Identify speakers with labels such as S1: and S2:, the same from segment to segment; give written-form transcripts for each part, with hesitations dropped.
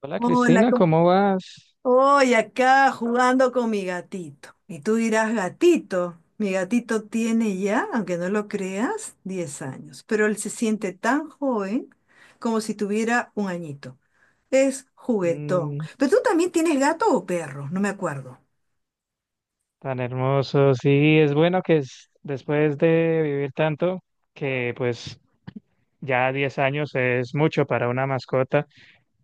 S1: Hola
S2: Hola.
S1: Cristina, ¿cómo vas?
S2: Hoy acá jugando con mi gatito. Y tú dirás, gatito, mi gatito tiene ya, aunque no lo creas, 10 años, pero él se siente tan joven como si tuviera un añito. Es juguetón.
S1: Mm,
S2: Pero tú también tienes gato o perro, no me acuerdo.
S1: tan hermoso. Sí, es bueno que después de vivir tanto, que pues ya 10 años es mucho para una mascota,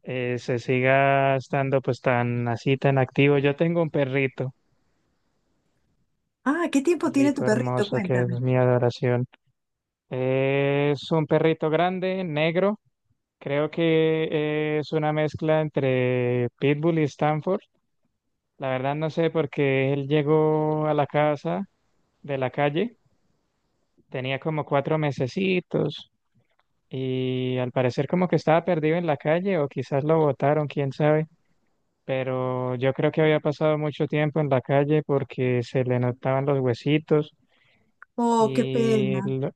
S1: se siga estando pues tan así, tan activo. Yo tengo un perrito,
S2: Ah, ¿qué tiempo tiene tu
S1: perrito
S2: perrito?
S1: hermoso que es
S2: Cuéntame.
S1: mi adoración. Es un perrito grande, negro. Creo que es una mezcla entre Pitbull y Stanford. La verdad no sé porque él llegó a la casa de la calle, tenía como 4 mesecitos y al parecer como que estaba perdido en la calle o quizás lo botaron, quién sabe, pero yo creo que había pasado mucho tiempo en la calle porque se le notaban los huesitos
S2: Oh, qué
S1: y
S2: pena.
S1: lo,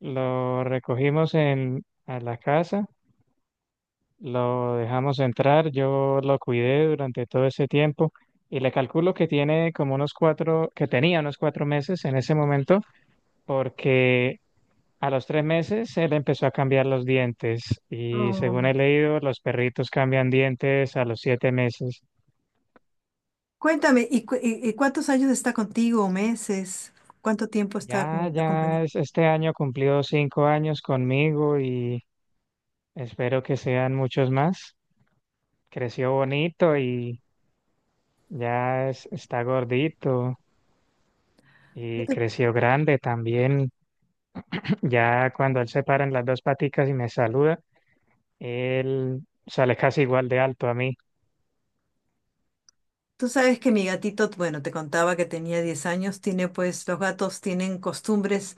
S1: lo recogimos a la casa, lo dejamos entrar, yo lo cuidé durante todo ese tiempo. Y le calculo que tiene como unos cuatro, que tenía unos 4 meses en ese momento, porque a los 3 meses él empezó a cambiar los dientes y según
S2: Oh.
S1: he leído, los perritos cambian dientes a los 7 meses.
S2: Cuéntame, ¿y, y cuántos años está contigo? ¿Meses? ¿Cuánto tiempo está
S1: Ya,
S2: acompañado?
S1: ya es- este año cumplió 5 años conmigo y espero que sean muchos más. Creció bonito y ya está gordito y creció grande también. Ya cuando él se para en las dos paticas y me saluda, él sale casi igual de alto a mí.
S2: Tú sabes que mi gatito, bueno, te contaba que tenía 10 años, tiene pues, los gatos tienen costumbres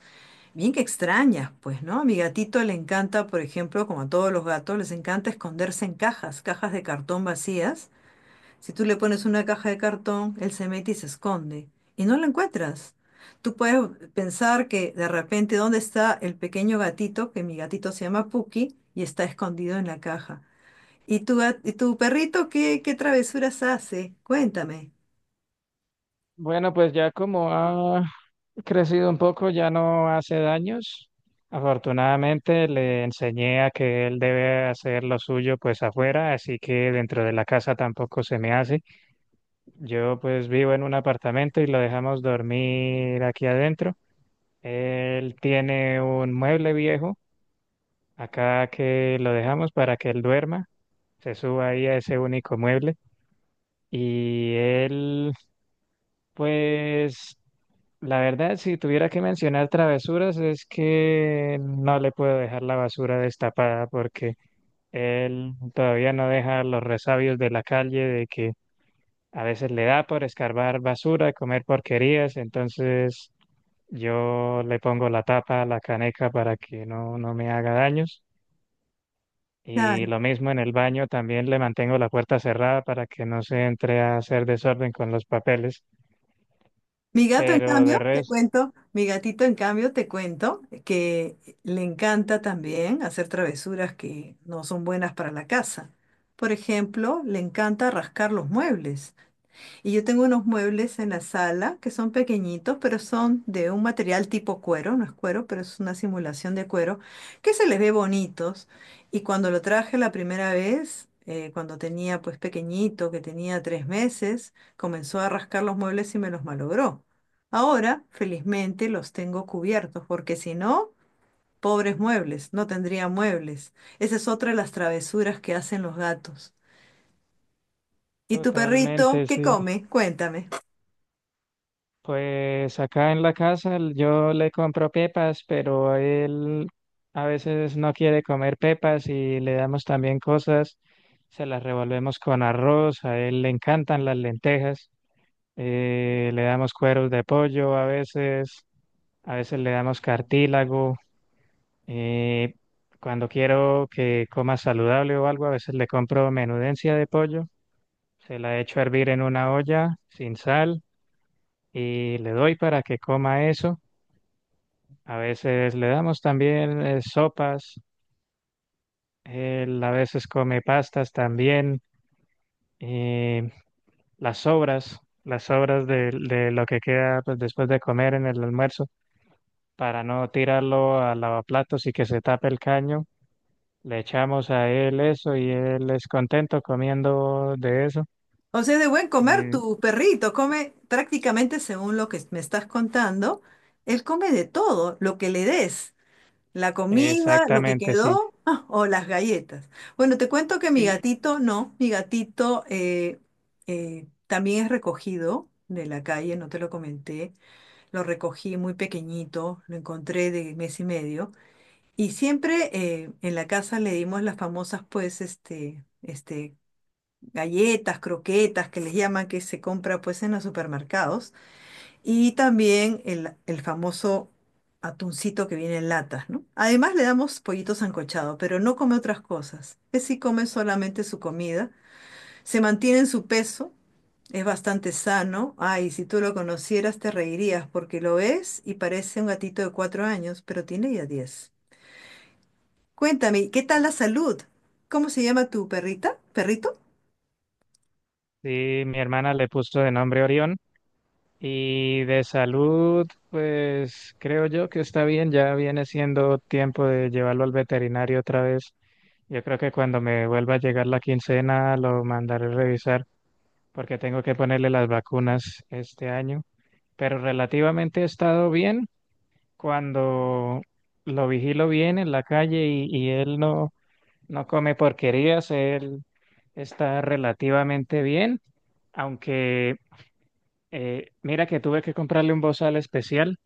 S2: bien que extrañas, pues, ¿no? A mi gatito le encanta, por ejemplo, como a todos los gatos, les encanta esconderse en cajas, cajas de cartón vacías. Si tú le pones una caja de cartón, él se mete y se esconde y no lo encuentras. Tú puedes pensar que de repente, ¿dónde está el pequeño gatito? Que mi gatito se llama Puki y está escondido en la caja. ¿Y y tu perrito qué travesuras hace? Cuéntame.
S1: Bueno, pues ya como ha crecido un poco, ya no hace daños. Afortunadamente le enseñé a que él debe hacer lo suyo pues afuera, así que dentro de la casa tampoco se me hace. Yo pues vivo en un apartamento y lo dejamos dormir aquí adentro. Él tiene un mueble viejo acá que lo dejamos para que él duerma, se suba ahí a ese único mueble. Y él, pues la verdad, si tuviera que mencionar travesuras, es que no le puedo dejar la basura destapada porque él todavía no deja los resabios de la calle de que a veces le da por escarbar basura, comer porquerías, entonces yo le pongo la tapa a la caneca para que no me haga daños. Y lo mismo en el baño, también le mantengo la puerta cerrada para que no se entre a hacer desorden con los papeles.
S2: Mi gato, en
S1: Pero de
S2: cambio, te
S1: resto,
S2: cuento, mi gatito, en cambio, te cuento que le encanta también hacer travesuras que no son buenas para la casa. Por ejemplo, le encanta rascar los muebles. Y yo tengo unos muebles en la sala que son pequeñitos, pero son de un material tipo cuero, no es cuero, pero es una simulación de cuero, que se les ve bonitos. Y cuando lo traje la primera vez, cuando tenía pues pequeñito, que tenía 3 meses, comenzó a rascar los muebles y me los malogró. Ahora, felizmente, los tengo cubiertos, porque si no, pobres muebles, no tendría muebles. Esa es otra de las travesuras que hacen los gatos. ¿Y tu perrito
S1: totalmente,
S2: qué
S1: sí.
S2: come? Cuéntame.
S1: Pues acá en la casa yo le compro pepas, pero él a veces no quiere comer pepas y le damos también cosas, se las revolvemos con arroz, a él le encantan las lentejas, le damos cueros de pollo a veces le damos cartílago, eh, cuando quiero que coma saludable o algo, a veces le compro menudencia de pollo, se la echo a hervir en una olla sin sal y le doy para que coma eso. A veces le damos también sopas, él a veces come pastas también, y las sobras, las sobras de lo que queda pues, después de comer en el almuerzo, para no tirarlo al lavaplatos y que se tape el caño. Le echamos a él eso y él es contento comiendo de eso.
S2: O sea, de buen comer,
S1: Mm.
S2: tu perrito come prácticamente según lo que me estás contando. Él come de todo, lo que le des, la comida, lo que
S1: Exactamente, sí.
S2: quedó ah, o las galletas. Bueno, te cuento que mi
S1: Y,
S2: gatito no, mi gatito también es recogido de la calle, no te lo comenté. Lo recogí muy pequeñito, lo encontré de mes y medio. Y siempre en la casa le dimos las famosas, pues, este, galletas, croquetas, que les llaman, que se compra pues en los supermercados, y también el famoso atuncito que viene en latas, ¿no? Además le damos pollito sancochado, pero no come otras cosas. Que sí come solamente su comida, se mantiene en su peso, es bastante sano. Ay, si tú lo conocieras te reirías porque lo ves y parece un gatito de 4 años, pero tiene ya 10. Cuéntame, ¿qué tal la salud? ¿Cómo se llama tu perrita? ¿Perrito?
S1: Sí, mi hermana le puso de nombre Orión. Y de salud, pues creo yo que está bien, ya viene siendo tiempo de llevarlo al veterinario otra vez. Yo creo que cuando me vuelva a llegar la quincena lo mandaré a revisar porque tengo que ponerle las vacunas este año. Pero relativamente he estado bien cuando lo vigilo bien en la calle y él no come porquerías, él está relativamente bien, aunque mira que tuve que comprarle un bozal especial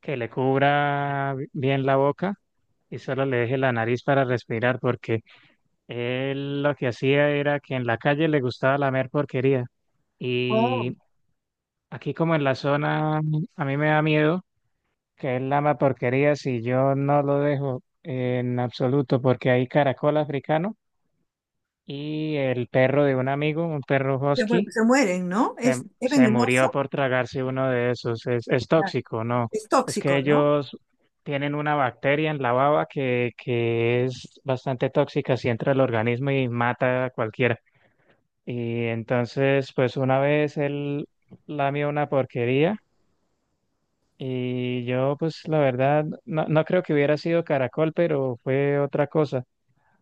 S1: que le cubra bien la boca y solo le deje la nariz para respirar, porque él lo que hacía era que en la calle le gustaba lamer porquería.
S2: Oh.
S1: Y aquí como en la zona, a mí me da miedo que él lama porquería si yo no lo dejo en absoluto, porque hay caracol africano y el perro de un amigo, un perro
S2: Se, mu-
S1: husky
S2: se mueren, ¿no?
S1: Se,
S2: Es
S1: se murió
S2: venenoso.
S1: por tragarse uno de esos. Es
S2: Ah,
S1: tóxico, ¿no?
S2: es
S1: Es que
S2: tóxico, ¿no?
S1: ellos tienen una bacteria en la baba que es bastante tóxica si entra al organismo y mata a cualquiera. Y entonces, pues una vez él lamió una porquería y yo, pues la verdad, no creo que hubiera sido caracol, pero fue otra cosa.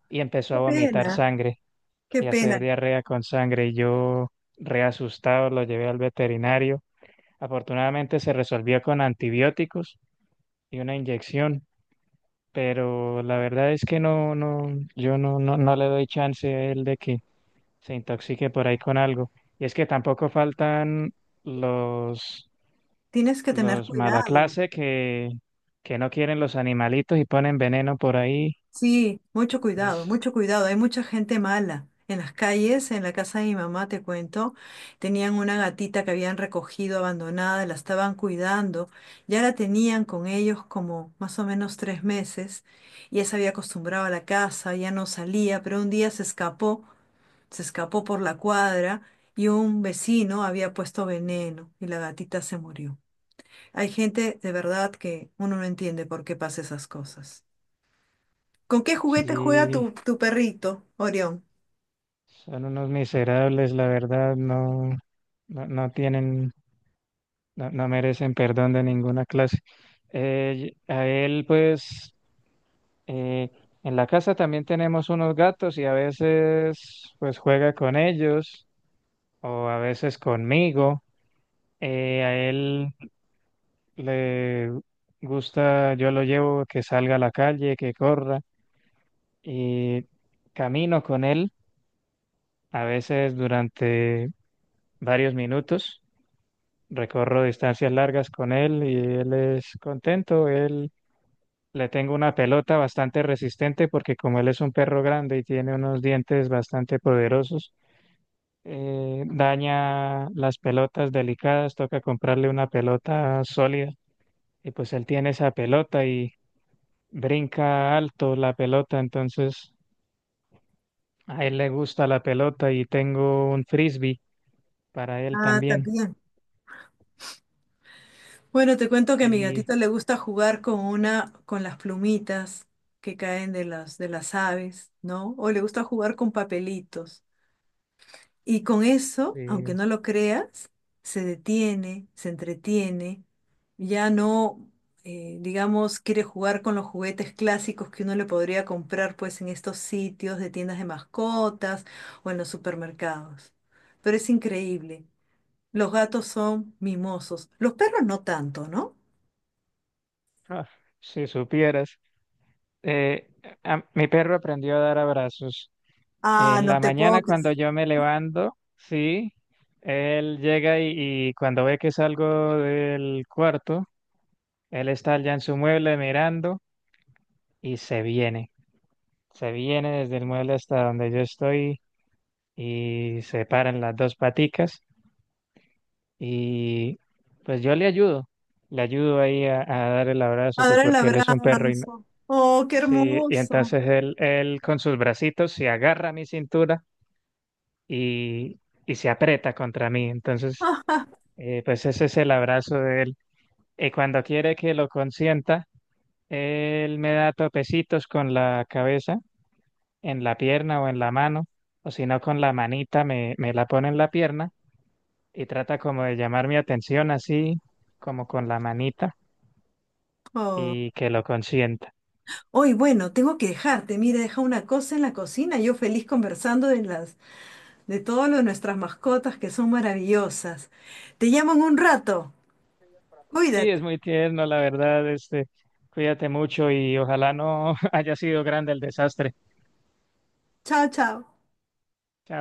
S1: Y empezó
S2: Qué
S1: a vomitar
S2: pena,
S1: sangre
S2: qué
S1: y a hacer
S2: pena.
S1: diarrea con sangre. Y yo, reasustado, lo llevé al veterinario. Afortunadamente se resolvió con antibióticos y una inyección, pero la verdad es que no, yo no le doy chance a él de que se intoxique por ahí con algo. Y es que tampoco faltan los,
S2: Tienes que tener
S1: los mala
S2: cuidado.
S1: clase que no quieren los animalitos y ponen veneno por ahí.
S2: Sí, mucho cuidado,
S1: Entonces,
S2: mucho cuidado. Hay mucha gente mala. En las calles, en la casa de mi mamá, te cuento, tenían una gatita que habían recogido abandonada, la estaban cuidando. Ya la tenían con ellos como más o menos 3 meses. Ya se había acostumbrado a la casa, ya no salía, pero un día se escapó. Se escapó por la cuadra y un vecino había puesto veneno y la gatita se murió. Hay gente de verdad que uno no entiende por qué pasa esas cosas. ¿Con qué juguete juega tu,
S1: sí,
S2: tu perrito, Orión?
S1: son unos miserables, la verdad, no tienen, no merecen perdón de ninguna clase. A él, pues, eh, en la casa también tenemos unos gatos y a veces, pues, juega con ellos o a veces conmigo. A él le gusta, yo lo llevo que salga a la calle, que corra y camino con él, a veces durante varios minutos. Recorro distancias largas con él y él es contento, él. Le tengo una pelota bastante resistente porque como él es un perro grande y tiene unos dientes bastante poderosos, daña las pelotas delicadas, toca comprarle una pelota sólida y pues él tiene esa pelota y brinca alto la pelota, entonces a él le gusta la pelota y tengo un frisbee para él
S2: Ah,
S1: también.
S2: también. Bueno, te cuento que a mi
S1: Y
S2: gatita le gusta jugar con con las plumitas que caen de de las aves, ¿no? O le gusta jugar con papelitos. Y con eso, aunque
S1: eh,
S2: no lo creas, se detiene, se entretiene, ya no, digamos, quiere jugar con los juguetes clásicos que uno le podría comprar pues en estos sitios de tiendas de mascotas o en los supermercados. Pero es increíble. Los gatos son mimosos. Los perros no tanto, ¿no?
S1: ah, si supieras, eh, mi perro aprendió a dar abrazos.
S2: Ah,
S1: En
S2: no
S1: la
S2: te puedo
S1: mañana
S2: creer.
S1: cuando yo me levanto, sí, él llega y cuando ve que salgo del cuarto, él está allá en su mueble mirando y se viene. Se viene desde el mueble hasta donde yo estoy y se paran las dos paticas y pues yo le ayudo. Le ayudo ahí a dar el abrazo, pues
S2: Ahora el
S1: porque él es un perro y
S2: abrazo. Oh, qué
S1: sí, y
S2: hermoso.
S1: entonces él con sus bracitos se agarra a mi cintura y, y se aprieta contra mí. Entonces, pues ese es el abrazo de él. Y cuando quiere que lo consienta, él me da topecitos con la cabeza, en la pierna o en la mano, o si no con la manita me la pone en la pierna y trata como de llamar mi atención así, como con la manita,
S2: Oh.
S1: y que lo consienta.
S2: Hoy, bueno, tengo que dejarte. Mira, he dejado una cosa en la cocina. Yo feliz conversando de las, de todo lo de nuestras mascotas que son maravillosas. Te llamo en un rato.
S1: Sí, es
S2: Cuídate.
S1: muy tierno, la verdad, este, cuídate mucho y ojalá no haya sido grande el desastre.
S2: Chao, chao.
S1: Chao.